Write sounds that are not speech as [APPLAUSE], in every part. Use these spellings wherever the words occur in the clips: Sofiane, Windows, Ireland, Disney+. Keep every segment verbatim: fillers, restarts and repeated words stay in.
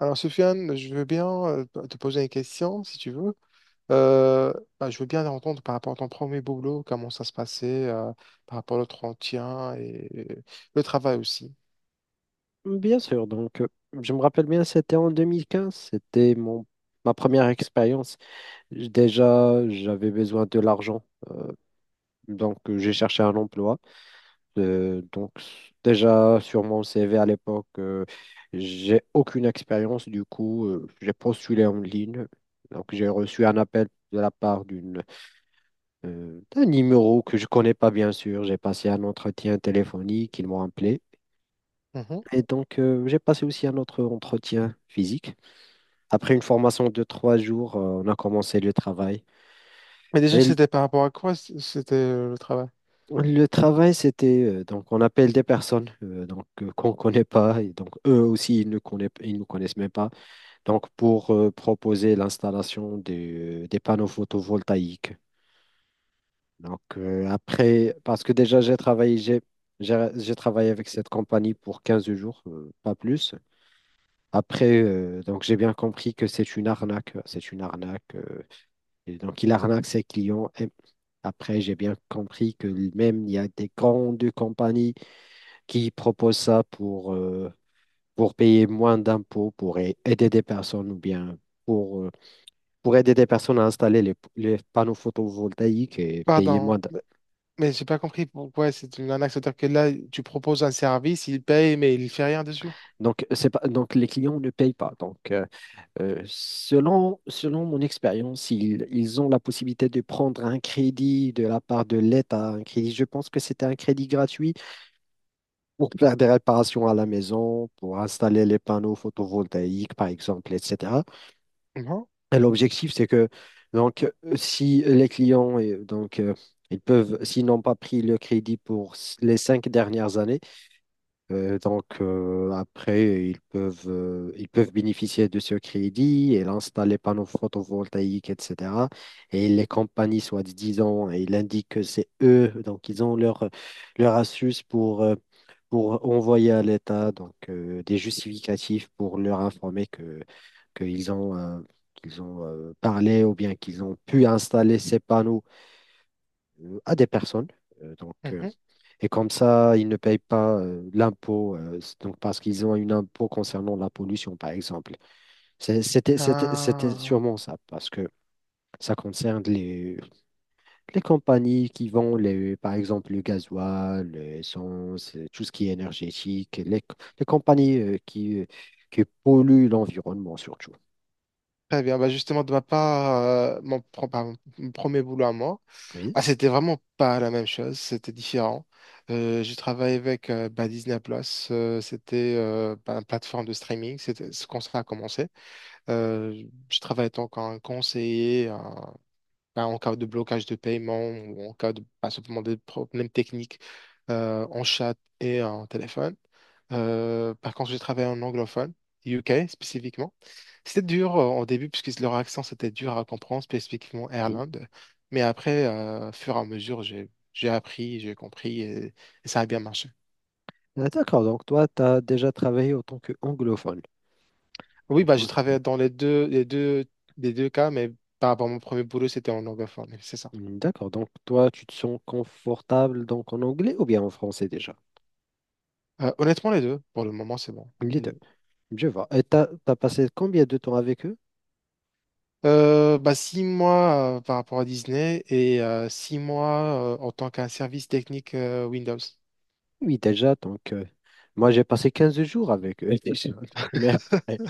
Alors, Sofiane, je veux bien euh, te poser une question, si tu veux. Euh, bah, je veux bien entendre par rapport à ton premier boulot, comment ça se passait, euh, par rapport à l'entretien et et le travail aussi. Bien sûr. Donc euh, je me rappelle bien, c'était en deux mille quinze, c'était mon ma première expérience. J- Déjà, j'avais besoin de l'argent, donc euh, j'ai cherché un emploi. Euh, donc s- déjà sur mon C V à l'époque, euh, j'ai aucune expérience, du coup euh, j'ai postulé en ligne. Donc j'ai reçu un appel de la part d'une euh, d'un numéro que je connais pas, bien sûr. J'ai passé un entretien téléphonique, ils m'ont appelé. Mhm. Et donc, euh, j'ai passé aussi un autre entretien physique. Après une formation de trois jours, euh, on a commencé le travail. Mais Et déjà, l- c'était par rapport à quoi c- c'était euh, le travail? le travail, c'était, euh, donc, on appelle des personnes euh, donc, euh, qu'on ne connaît pas. Et donc, eux aussi, ils ne connaissent, ils nous connaissent même pas. Donc, pour euh, proposer l'installation des, des panneaux photovoltaïques. Donc, euh, après, parce que déjà, j'ai travaillé, j'ai, j'ai j'ai travaillé avec cette compagnie pour quinze jours, euh, pas plus. Après, euh, donc j'ai bien compris que c'est une arnaque. euh, C'est une arnaque. euh, et donc, il arnaque ses clients. Et après, j'ai bien compris que même il y a des grandes compagnies qui proposent ça pour, euh, pour payer moins d'impôts, pour a- aider des personnes ou bien pour, euh, pour aider des personnes à installer les, les panneaux photovoltaïques et payer Pardon, moins d'impôts. mais mais j'ai pas compris pourquoi c'est une arnaque. C'est-à-dire que là, tu proposes un service, il paye, mais il fait rien dessus. Donc, c'est pas, donc, les clients ne payent pas. Donc, euh, Euh, selon, selon mon expérience, ils, ils ont la possibilité de prendre un crédit de la part de l'État, un crédit, je pense que c'était un crédit gratuit pour faire des réparations à la maison, pour installer les panneaux photovoltaïques, par exemple, et cetera. Non? Et l'objectif, c'est que donc, euh, si les clients, euh, donc, euh, ils peuvent, s'ils n'ont pas pris le crédit pour s- les cinq dernières années, euh, donc, euh, après, ils peuvent, euh, ils peuvent bénéficier de ce crédit et installer panneaux photovoltaïques, et cetera. Et les compagnies, soit disant, ils indiquent que c'est eux, donc ils ont leur, leur astuce pour, euh, pour envoyer à l'État donc, euh, des justificatifs pour leur informer que, qu'ils ont, euh, qu'ils ont, euh, parlé ou bien qu'ils ont pu installer ces panneaux euh, à des personnes. Euh, donc, euh, Mhm. et comme ça, ils ne payent pas euh, l'impôt, euh, c- donc parce qu'ils ont une impôt concernant la pollution, par exemple. C'est- C'était, c'était, c'était Ah, sûrement ça, parce que ça concerne les, les compagnies qui vendent, les, par exemple, le gasoil, l'essence, euh, tout ce qui est énergétique, les, les compagnies euh, qui, euh, qui polluent l'environnement surtout. très bien. Bah justement, de ma part, euh, mon, pro- pardon, mon premier boulot à moi, Oui, ah, c'était vraiment pas la même chose, c'était différent. Euh, j'ai travaillé avec euh, bah, Disney+, Plus, euh, c'était euh, bah, une plateforme de streaming, c'était ce qu'on ça a commencé. Euh, je travaillais en tant qu'un conseiller, bah, en cas de blocage de paiement ou en cas de bah, simplement des problèmes techniques euh, en chat et en téléphone. Euh, par contre, j'ai travaillé en anglophone, U K spécifiquement. C'était dur euh, au début puisque leur accent c'était dur à comprendre, spécifiquement oui. Ireland. Mais après, euh, au fur et à mesure, j'ai j'ai appris, j'ai compris et, et ça a bien marché. Ah, d'accord, donc toi, tu as déjà travaillé en tant qu'anglophone. Oui, Je bah, j'ai pense. travaillé dans les deux, les deux, les deux cas, mais par rapport à mon premier boulot, c'était en anglophone. C'est ça. Mmh, d'accord, donc toi, tu te sens confortable donc en anglais ou bien en français déjà? Euh, honnêtement, les deux, pour le moment, c'est bon. Les deux. Je vois. Et t'as, t'as passé combien de temps avec eux? Euh, bah, six mois euh, par rapport à Disney et euh, six mois euh, en tant qu'un service technique euh, Windows. Oui, déjà, donc euh, Moi j'ai passé quinze jours avec eux déjà. [LAUGHS] Mais après,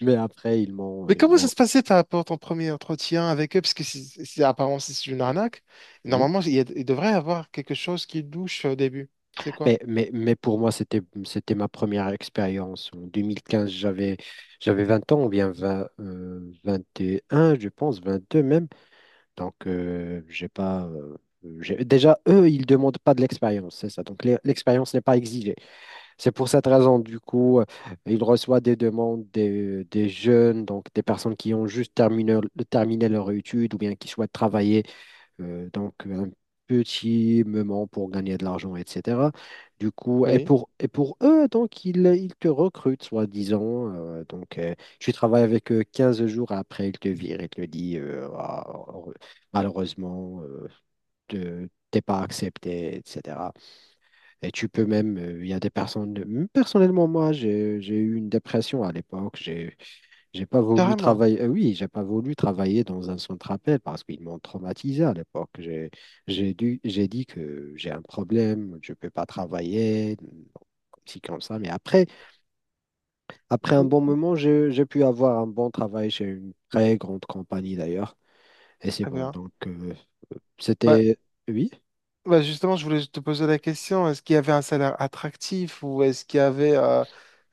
mais après ils m'ont Mais ils comment ça m'ont se passait par rapport à ton premier entretien avec eux? Parce que c'est c'est- apparemment c'est une arnaque. oui. Normalement, il, y a- il devrait y avoir quelque chose qui douche euh, au début. C'est quoi? Mais, mais, mais pour moi, c'était c'était ma première expérience. En deux mille quinze, j'avais j'avais 20 ans ou bien vingt, euh, vingt et un, je pense, vingt-deux même. Donc, euh, j'ai pas. Euh, j'ai- Déjà, eux, ils ne demandent pas de l'expérience, c'est ça. Donc, l'e- l'expérience n'est pas exigée. C'est pour cette raison, du coup, euh, ils reçoivent des demandes des, des jeunes, donc des personnes qui ont juste terminé, terminé leur étude ou bien qui souhaitent travailler euh, donc, un petit moment pour gagner de l'argent, et cetera. Du coup, et Oui. pour, et pour eux, donc, ils, ils te recrutent, soi-disant. Euh, donc, euh, tu travailles avec eux 15 jours après, ils te virent, ils te disent, euh, Ah, heureux- malheureusement, euh, te- t'es pas accepté, et cetera. Et tu peux même, euh, il y a des personnes, personnellement, moi, j'ai, j'ai eu une dépression à l'époque. J'ai j'ai pas voulu Carrément. travailler, euh, oui, j'ai pas voulu travailler dans un centre appel parce qu'ils m'ont traumatisé à l'époque. J'ai, j'ai dû, j'ai dit que j'ai un problème, je peux pas travailler, comme ci, comme ça. Mais après, après un bon Mm. moment, j'ai, j'ai pu avoir un bon travail chez une très grande compagnie d'ailleurs. Et c'est Très bon. bien. Donc, euh, Bah, c'était, oui. bah, justement, je voulais te poser la question, est-ce qu'il y avait un salaire attractif ou est-ce qu'il y avait euh,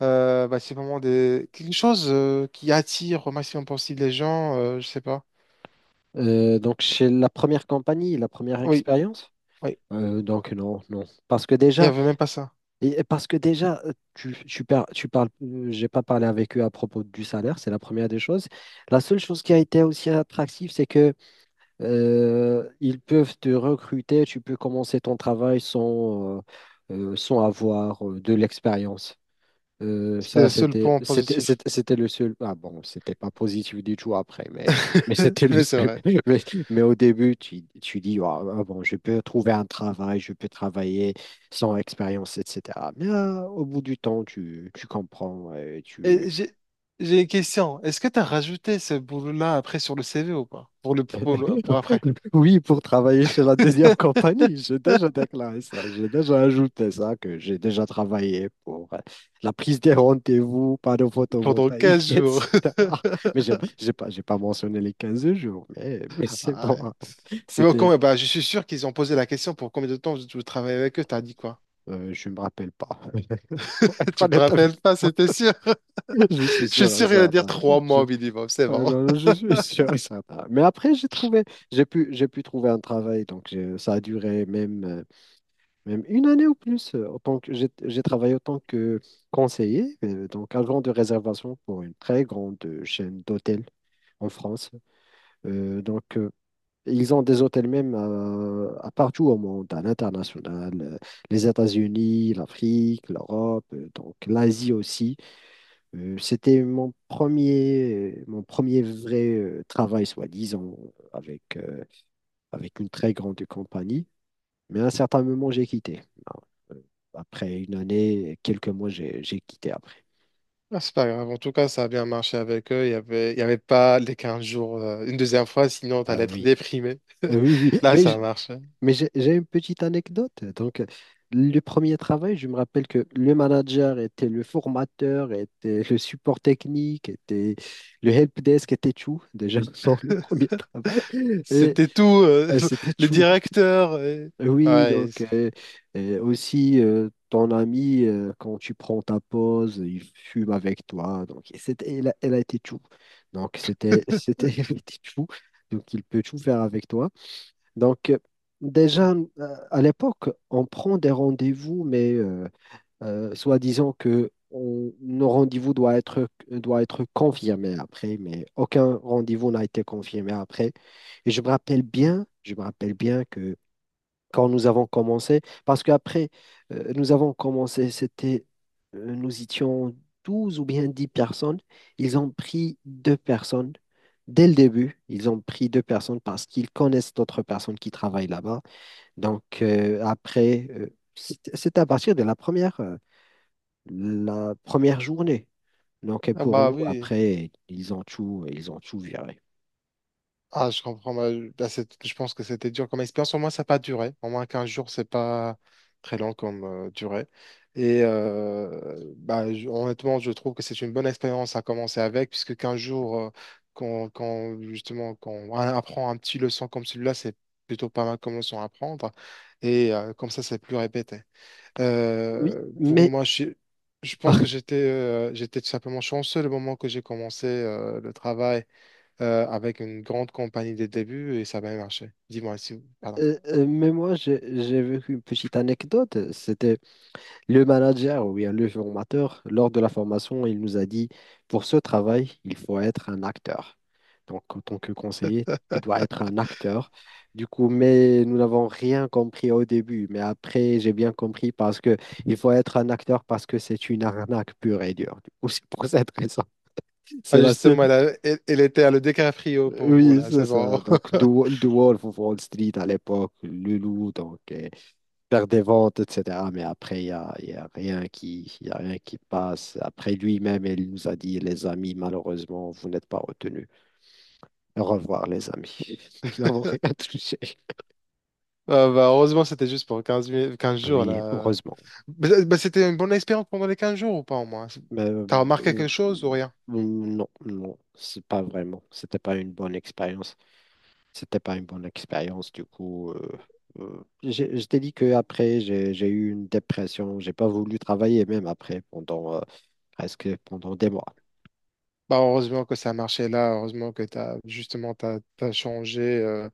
euh, bah, c'est vraiment des... quelque chose euh, qui attire au maximum possible les gens, euh, je sais pas. Euh, donc, chez la première compagnie, la première Oui. expérience, Ouais, euh, donc non, non. Parce que il n'y déjà, avait même pas ça. Et et parce que déjà, euh, tu, tu, par- tu parles, euh, j'ai pas parlé avec eux à propos du salaire, c'est la première des choses. La seule chose qui a été aussi attractive, c'est que euh, ils peuvent te recruter, tu peux commencer ton travail sans, euh, euh, sans avoir euh, de l'expérience. Euh, C'était ça, le seul c'était, point c'était, positif. c'était c'était le seul. Ah bon, c'était pas positif du tout après, mais, mais [LAUGHS] c'était le Mais c'est seul. vrai. [LAUGHS] Mais, mais au début, tu, tu dis, ah ah bon, je peux trouver un travail, je peux travailler sans expérience, et cetera. Mais ah, au bout du temps, tu, tu comprends, et Et tu, j'ai j'ai une question. Est-ce que tu as rajouté ce boulot-là après sur le C V ou pas? Pour le, pour le- pour après. [LAUGHS] oui, pour travailler chez la deuxième compagnie, j'ai déjà [LAUGHS] déclaré ça, j'ai déjà ajouté ça, que j'ai déjà travaillé pour euh, la prise des rendez-vous, panneaux Pendant photovoltaïques, [LAUGHS] quinze jours. et cetera. Mais j'ai j'ai pas, j'ai pas mentionné les quinze jours, mais, mais [LAUGHS] c'est Ah bon, ouais. hein. Mais au c'était, con- bah, je suis sûr qu'ils ont posé la question pour combien de temps vous vous travaillez avec eux, t'as dit quoi? euh, je me rappelle pas, [LAUGHS] pour [LAUGHS] être Tu te honnête avec rappelles pas, c'était sûr. [LAUGHS] vous, je suis Je suis sûr et sûr qu'il va dire certain, trois je, mois au minimum, c'est euh, bon. non, non, [LAUGHS] je suis sûr et certain. Mais après, j'ai trouvé, j'ai pu, j'ai pu trouver un travail, donc j'ai- ça a duré même. euh, Même une année ou plus. euh, En tant que j'ai j'ai travaillé en tant que conseiller, euh, donc agent de réservation pour une très grande euh, chaîne d'hôtels en France. Euh, donc euh, Ils ont des hôtels même à, à partout au monde, à l'international, euh, les États-Unis, l'Afrique, l'Europe, euh, donc l'Asie aussi. Euh, c'était mon premier mon premier vrai euh, travail, soi-disant, avec euh, avec une très grande compagnie. Mais à un certain moment, j'ai quitté. Euh, Après une année, quelques mois, j'ai j'ai quitté après. Ah, c'est pas grave, en tout cas, ça a bien marché avec eux. Il y avait, il y avait pas les quinze jours, euh, une deuxième fois, sinon Ah t'allais être oui. déprimé. Euh, Oui, oui, [LAUGHS] Là, mais ça j- marche. mais j'ai j'ai une petite anecdote. Donc, euh, le premier travail, je me rappelle que le manager était le formateur, était le support technique, était le help desk, était tout déjà [LAUGHS] dans le premier travail. Et C'était tout, euh, euh, C'était [LAUGHS] le tout. directeur. Et Euh, Oui, ouais, donc euh, euh, aussi euh, ton ami, euh, quand tu prends ta pause, il fume avec toi. Donc, et c'était, elle a, elle a été tout. Donc, c'était, [LAUGHS] c'était, elle a été tout. Donc, il peut tout faire avec toi. Donc, euh, déjà, euh, à l'époque, on prend des rendez-vous, mais euh, euh, soi-disant que on- nos rendez-vous doivent être, doit être confirmés après, mais aucun rendez-vous n'a été confirmé après. Et je me rappelle bien, je me rappelle bien quand nous avons commencé, parce qu'après, euh, nous avons commencé, c'était, euh, nous étions douze ou bien dix personnes. Ils ont pris deux personnes. Dès le début, ils ont pris deux personnes parce qu'ils connaissent d'autres personnes qui travaillent là-bas. Donc, euh, après, euh, c'est c'est à partir de la première, euh, la première journée. Donc, et [LAUGHS] ah pour bah nous, oui. après, ils ont tout, ils ont tout viré. Ah, je comprends. Bah, je bah, c'est- je pense que c'était dur comme expérience. Au moins, ça n'a pas duré. Au moins, quinze jours, c'est pas très long comme euh, durée. Et euh, bah, je- honnêtement, je trouve que c'est une bonne expérience à commencer avec, puisque quinze jours, euh, quand, quand, justement, quand on apprend un petit leçon comme celui-là, c'est plutôt pas mal comme leçon à apprendre. Et euh, comme ça, c'est plus répété. Oui, Euh, pour mais, moi, je, suis- Je [LAUGHS] pense par- que j'étais euh, j'étais tout simplement chanceux le moment que j'ai commencé euh, le travail euh, avec une grande compagnie de début et ça a bien marché. Dis-moi si, pardon. euh, euh, mais moi, j'ai j'ai vécu une petite anecdote. C'était Le manager, oui, le formateur, lors de la formation, il nous a dit, pour ce travail, il faut être un acteur. Donc, en tant que conseiller, tu dois être un acteur. Du coup, mais nous n'avons rien compris au début, mais après, j'ai bien compris parce que il faut être un acteur parce que c'est une arnaque pure et dure. Du coup, [LAUGHS] c'est pour cette raison. C'est Ah, la seule. justement, elle, a- elle, elle était à le décaprio pour vous, Oui, là, c'est c'est bon. ça. Donc, The Wo- The Wolf of Wall Street à l'époque, le loup, donc, euh, faire des ventes, et cetera. Mais après, il n'y a, il y a rien qui, il y a rien qui passe. Après, lui-même, il nous a dit, les amis, malheureusement, vous n'êtes pas retenus. Au revoir, les amis. [LAUGHS] Nous n'avons rien [LAUGHS] touché. Ah, bah, heureusement, c'était juste pour quinze mi- quinze Ah jours, oui, là. heureusement. Bah, bah, c'était une bonne expérience pendant les quinze jours ou pas au moins? C'est- Mais euh, t'as remarqué euh, quelque chose ou rien? non, non, c'est pas vraiment. C'était pas une bonne expérience. C'était pas une bonne expérience, du coup. euh, euh, j'ai- Je t'ai dit qu'après, j'ai j'ai eu une dépression. J'ai pas voulu travailler même après pendant euh, presque pendant des mois. Bah, heureusement que ça a marché là, heureusement que t'as justement t'as, t'as changé. euh,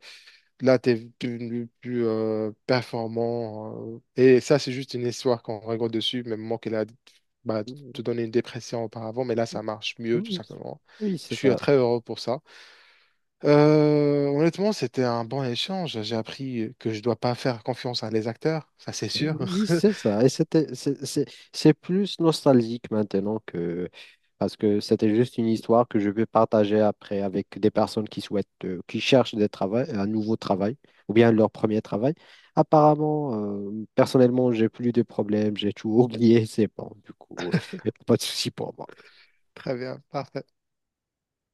Là, tu es plus, plus, euh, performant. Euh, et ça, c'est juste une histoire qu'on rigole dessus, même moi qu'elle a bah, te donné une dépression auparavant, mais là, ça marche mieux, tout Oui, simplement. oui, Je c'est suis euh, ça. très heureux pour ça. Euh, honnêtement, c'était un bon échange. J'ai appris que je dois pas faire confiance à les acteurs, ça c'est Oui, sûr. oui, [LAUGHS] c'est ça. Et c'était, c'est c'est- c'est plus nostalgique maintenant que... Parce que c'était juste une histoire que je veux partager après avec des personnes qui souhaitent, euh, qui cherchent des travail, un nouveau travail ou bien leur premier travail. Apparemment, euh, personnellement, j'ai plus de problèmes, j'ai tout [LAUGHS] oublié, c'est bon. Du coup, [LAUGHS] pas de souci pour moi. Très bien, parfait.